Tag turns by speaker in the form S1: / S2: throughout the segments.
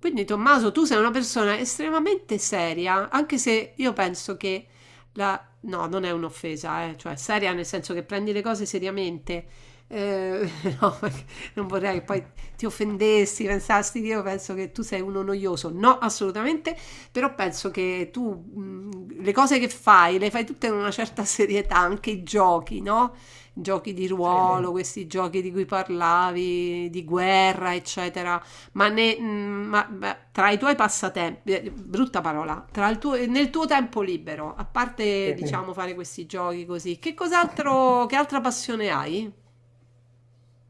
S1: Quindi Tommaso, tu sei una persona estremamente seria, anche se io penso che No, non è un'offesa, cioè seria nel senso che prendi le cose seriamente. Eh, no, perché non vorrei che poi ti offendessi, pensassi che io penso che tu sei uno noioso. No, assolutamente, però penso che tu le cose che fai le fai tutte con una certa serietà, anche i giochi, no? Giochi di
S2: Sì,
S1: ruolo, questi giochi di cui parlavi, di guerra, eccetera, ma, ma tra i tuoi passatempi, brutta parola, nel tuo tempo libero, a parte,
S2: sì.
S1: sì, diciamo fare questi giochi così, che cos'altro, che altra passione hai?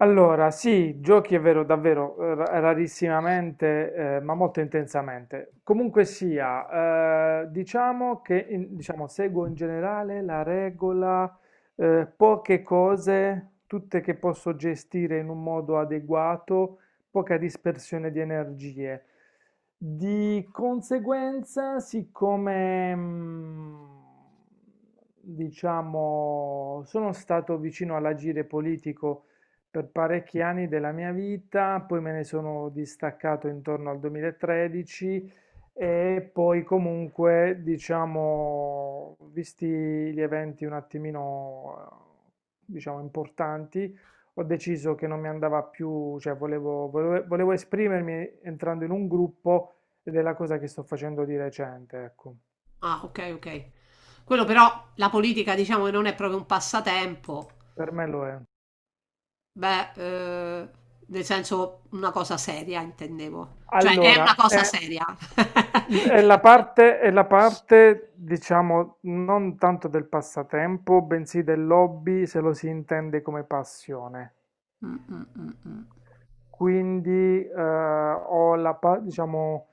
S2: Allora, sì, giochi è vero, davvero, rarissimamente, ma molto intensamente. Comunque sia, diciamo che diciamo, seguo in generale la regola, poche cose, tutte che posso gestire in un modo adeguato, poca dispersione di energie. Di conseguenza, siccome, diciamo, sono stato vicino all'agire politico, per parecchi anni della mia vita, poi me ne sono distaccato intorno al 2013. E poi comunque, diciamo, visti gli eventi un attimino, eh, diciamo, importanti, ho deciso che non mi andava più, cioè volevo esprimermi entrando in un gruppo, ed è la cosa che sto facendo di recente, ecco.
S1: Ah, ok, ok. Quello però, la politica diciamo che non è proprio un passatempo,
S2: Per me lo è.
S1: beh, nel senso una cosa seria intendevo, cioè è una
S2: Allora,
S1: cosa
S2: è,
S1: seria.
S2: è la parte, è la parte, diciamo, non tanto del passatempo, bensì dell'hobby, se lo si intende come passione.
S1: Mm, mm, mm, mm.
S2: Quindi diciamo,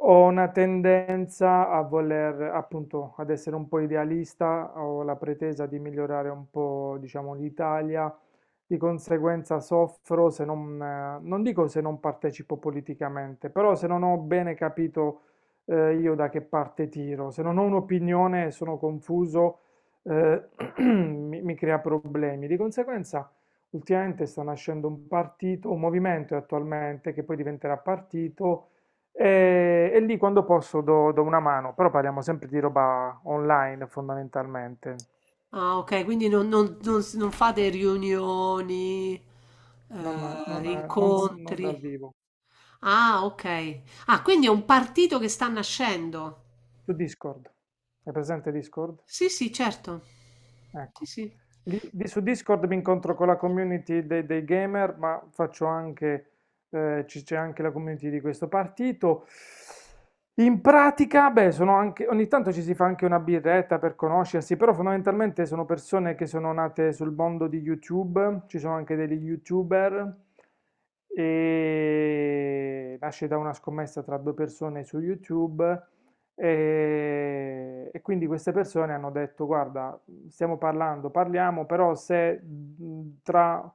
S2: ho una tendenza a voler, appunto, ad essere un po' idealista, ho la pretesa di migliorare un po', diciamo, l'Italia. Di conseguenza soffro se non, non dico se non partecipo politicamente, però se non ho bene capito io da che parte tiro, se non ho un'opinione e sono confuso, eh, mi crea problemi. Di conseguenza. Ultimamente sta nascendo un partito, un movimento attualmente che poi diventerà partito, e lì quando posso do una mano, però parliamo sempre di roba online fondamentalmente,
S1: Ah, ok, quindi non fate riunioni,
S2: non, non, non dal
S1: incontri.
S2: vivo.
S1: Ah, ok. Ah, quindi è un partito che sta nascendo.
S2: Su Discord, è presente Discord?
S1: Sì, sì, certo. Sì,
S2: Ecco.
S1: sì.
S2: Lì su Discord mi incontro con la community dei gamer, ma faccio anche, c'è anche la community di questo partito. In pratica, beh, sono anche, ogni tanto ci si fa anche una birretta per conoscersi, però fondamentalmente sono persone che sono nate sul mondo di YouTube, ci sono anche degli YouTuber, e nasce da una scommessa tra due persone su YouTube. E quindi queste persone hanno detto: "Guarda, stiamo parlando, parliamo, però se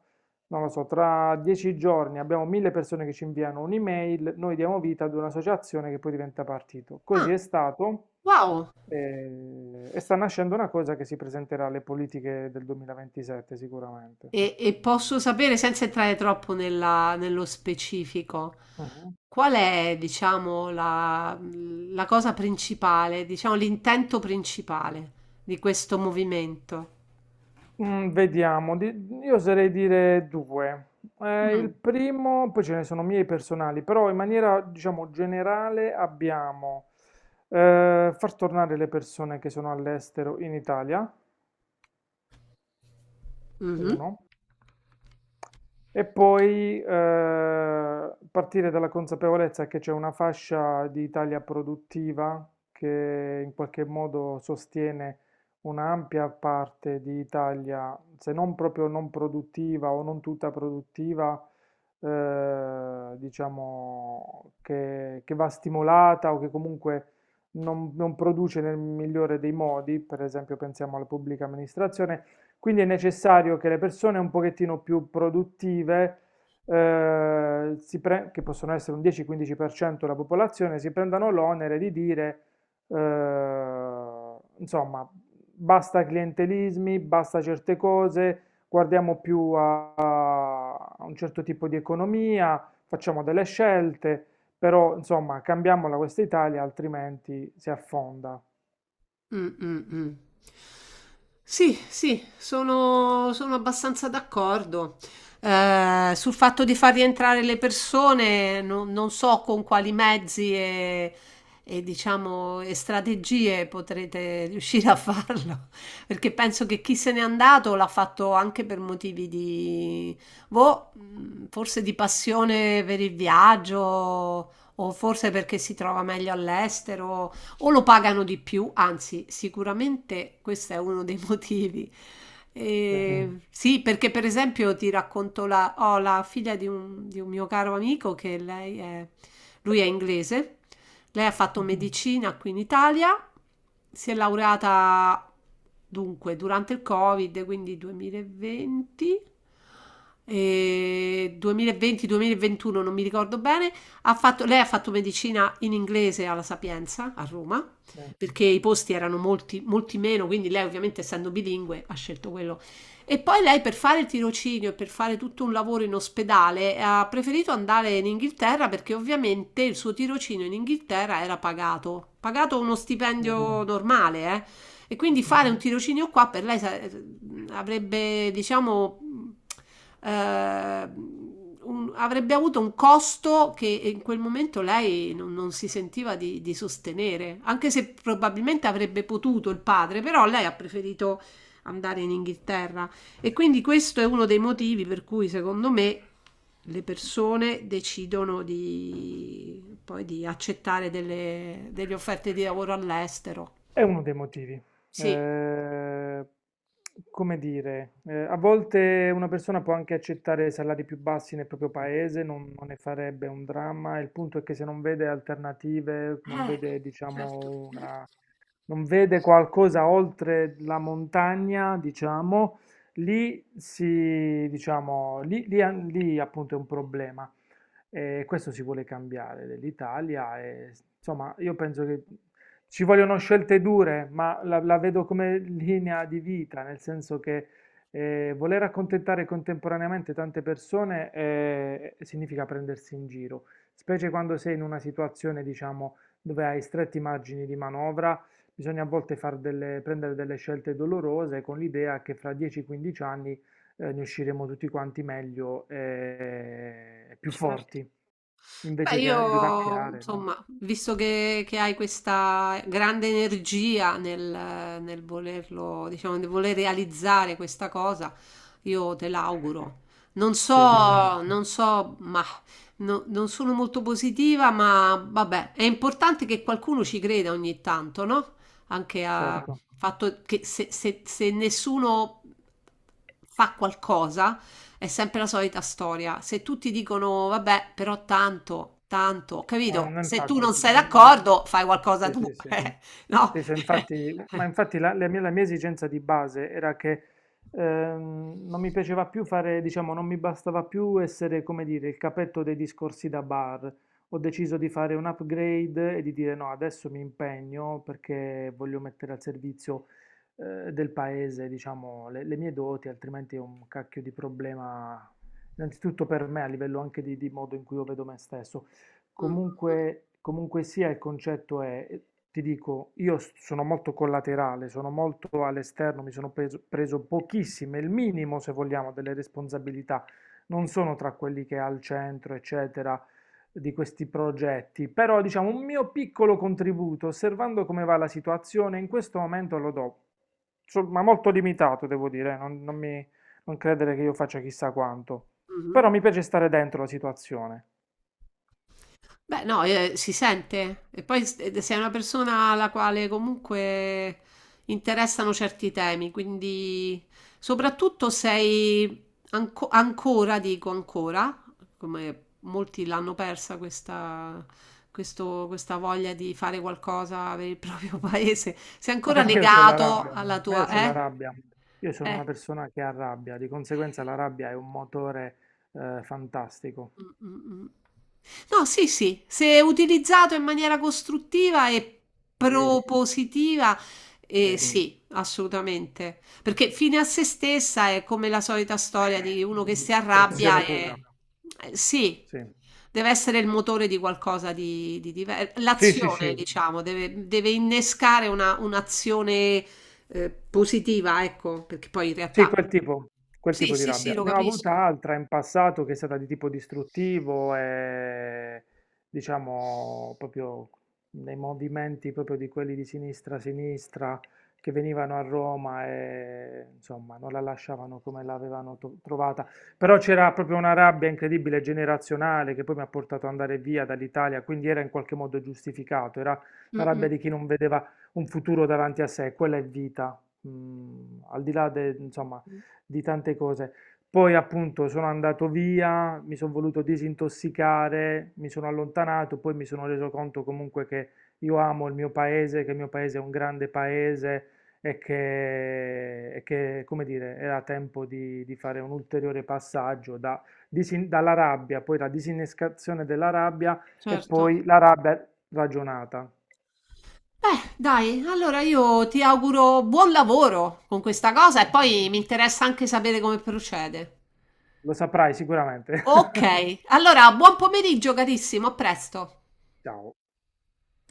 S2: non lo so, tra 10 giorni abbiamo mille persone che ci inviano un'email, noi diamo vita ad un'associazione che poi diventa partito."
S1: Ah,
S2: Così è stato,
S1: wow.
S2: e sta nascendo una cosa che si presenterà alle politiche del 2027 sicuramente.
S1: E posso sapere, senza entrare nello specifico,
S2: Mhm.
S1: qual è, diciamo, la, la cosa principale, diciamo, l'intento principale di questo movimento?
S2: Vediamo, io oserei dire due. Il
S1: Mm.
S2: primo, poi ce ne sono miei personali, però in maniera, diciamo, generale abbiamo far tornare le persone che sono all'estero in Italia,
S1: Mhm.
S2: uno. E poi partire dalla consapevolezza che c'è una fascia di Italia produttiva che in qualche modo sostiene un'ampia parte di Italia, se non proprio non produttiva o non tutta produttiva, diciamo che va stimolata o che comunque non produce nel migliore dei modi, per esempio pensiamo alla pubblica amministrazione. Quindi è necessario che le persone un pochettino più produttive, che possono essere un 10-15% della popolazione, si prendano l'onere di dire, insomma, basta clientelismi, basta certe cose, guardiamo più a un certo tipo di economia, facciamo delle scelte, però, insomma, cambiamola questa Italia, altrimenti si affonda.
S1: Mm, mm, mm. Sì, sì, sono abbastanza d'accordo. Sul fatto di far rientrare le persone, non so con quali mezzi e, diciamo, e strategie potrete riuscire a farlo, perché penso che chi se n'è andato l'ha fatto anche per motivi di, boh, forse di passione per il viaggio, o forse perché si trova meglio all'estero o lo pagano di più, anzi, sicuramente questo è uno dei motivi. E,
S2: Sì,
S1: mm, sì, perché per esempio ti racconto ho la figlia di di un mio caro amico che lei è, lui è inglese, lei ha fatto, mm,
S2: sì,
S1: medicina qui in Italia, si è laureata dunque durante il Covid, quindi 2020 e 2020-2021, non mi ricordo bene. Lei ha fatto medicina in inglese alla Sapienza a Roma
S2: sì,
S1: perché i posti erano molti, molti meno, quindi lei ovviamente essendo bilingue ha scelto quello. E poi lei per fare il tirocinio e per fare tutto un lavoro in ospedale ha preferito andare in Inghilterra perché ovviamente il suo tirocinio in Inghilterra era pagato, pagato uno
S2: sì.
S1: stipendio normale, eh. E quindi
S2: Mhm.
S1: fare un tirocinio qua per lei avrebbe, diciamo, eh, avrebbe avuto un costo che in quel momento lei non si sentiva di sostenere, anche se probabilmente avrebbe potuto il padre, però lei ha preferito andare in Inghilterra. E quindi questo è uno dei motivi per cui, secondo me, le persone decidono di, poi di accettare delle, delle offerte di lavoro all'estero.
S2: È uno dei motivi.
S1: Sì.
S2: Come dire, a volte una persona può anche accettare salari più bassi nel proprio paese, non ne farebbe un dramma. Il punto è che se non vede alternative, non
S1: Eh,
S2: vede,
S1: certo.
S2: diciamo, non vede qualcosa oltre la montagna, diciamo, lì si, diciamo, lì appunto è un problema. E questo si vuole cambiare dell'Italia. Insomma, io penso che ci vogliono scelte dure, ma la vedo come linea di vita, nel senso che voler accontentare contemporaneamente tante persone significa prendersi in giro, specie quando sei in una situazione, diciamo, dove hai stretti margini di manovra. Bisogna a volte prendere delle scelte dolorose con l'idea che fra 10-15 anni ne usciremo tutti quanti meglio e più forti,
S1: Beh,
S2: invece che
S1: io,
S2: vivacchiare, no?
S1: insomma, visto che hai questa grande energia nel, nel volerlo, diciamo, nel voler realizzare questa cosa, io te l'auguro.
S2: Ti ringrazio,
S1: Non so, ma non sono molto positiva, ma vabbè, è importante che qualcuno ci creda ogni tanto, no? Anche a
S2: certo.
S1: fatto che se, se nessuno fa qualcosa. È sempre la solita storia. Se tutti dicono, vabbè, però tanto,
S2: Ma
S1: capito? Se tu
S2: infatti,
S1: non sei d'accordo, fai qualcosa
S2: sì,
S1: tu,
S2: sì, sì.
S1: eh, no?
S2: Sì, so, infatti, ma infatti la mia esigenza di base era che non mi piaceva più fare, diciamo, non mi bastava più essere, come dire, il capetto dei discorsi da bar. Ho deciso di fare un upgrade e di dire no, adesso mi impegno perché voglio mettere al servizio del paese, diciamo, le mie doti, altrimenti è un cacchio di problema, innanzitutto per me, a livello anche di modo in cui io vedo me stesso.
S1: Mm,
S2: Comunque, comunque sia, il concetto è, ti dico, io sono molto collaterale, sono molto all'esterno, mi sono preso pochissime, il minimo, se vogliamo, delle responsabilità. Non sono tra quelli che è al centro, eccetera, di questi progetti, però diciamo un mio piccolo contributo, osservando come va la situazione, in questo momento lo do. Ma molto limitato, devo dire, non credere che io faccia chissà quanto. Però
S1: mhm.
S2: mi piace stare dentro la situazione.
S1: Beh, no, si sente. E poi sei una persona alla quale comunque interessano certi temi, quindi soprattutto sei ancora, dico ancora, come molti l'hanno persa questa, questa voglia di fare qualcosa per il proprio paese, sei
S2: Ma
S1: ancora
S2: perché io ho la
S1: legato
S2: rabbia?
S1: alla
S2: Ma io
S1: tua...
S2: ho la
S1: Eh?
S2: rabbia. Io sono una
S1: Eh.
S2: persona che ha rabbia, di conseguenza la rabbia è un motore fantastico.
S1: Mh, mh, mh. No, sì, sì, se utilizzato in maniera costruttiva e
S2: Sì,
S1: propositiva,
S2: sì.
S1: sì, assolutamente. Perché fine a se stessa è come la solita storia di uno che si arrabbia
S2: Distruzione pura.
S1: e sì,
S2: Sì,
S1: deve essere il motore di qualcosa di diverso.
S2: sì, sì,
S1: L'azione,
S2: sì.
S1: diciamo, deve innescare un'azione positiva, ecco, perché poi in
S2: Sì,
S1: realtà
S2: quel tipo, quel
S1: sì,
S2: tipo di
S1: sì, sì,
S2: rabbia.
S1: lo
S2: Ne ho avuta
S1: capisco.
S2: altra in passato che è stata di tipo distruttivo, e diciamo proprio nei movimenti proprio di quelli di sinistra a sinistra che venivano a Roma e insomma non la lasciavano come l'avevano trovata. Però c'era proprio una rabbia incredibile generazionale che poi mi ha portato ad andare via dall'Italia, quindi era in qualche modo giustificato, era
S1: Mm,
S2: la rabbia
S1: mm,
S2: di chi non vedeva un futuro davanti a sé, quella è vita, al di là de insomma,
S1: mm,
S2: di tante cose. Poi appunto sono andato via, mi sono voluto disintossicare, mi sono allontanato, poi mi sono reso conto comunque che io amo il mio paese, che il mio paese è un grande paese, e che, come dire, era tempo di fare un ulteriore passaggio da dalla rabbia, poi la disinnescazione della rabbia e
S1: certo.
S2: poi la rabbia ragionata.
S1: Beh, dai, allora io ti auguro buon lavoro con questa cosa e poi mi interessa anche sapere come procede.
S2: Lo saprai sicuramente.
S1: Ok, allora buon pomeriggio carissimo, a presto.
S2: Ciao.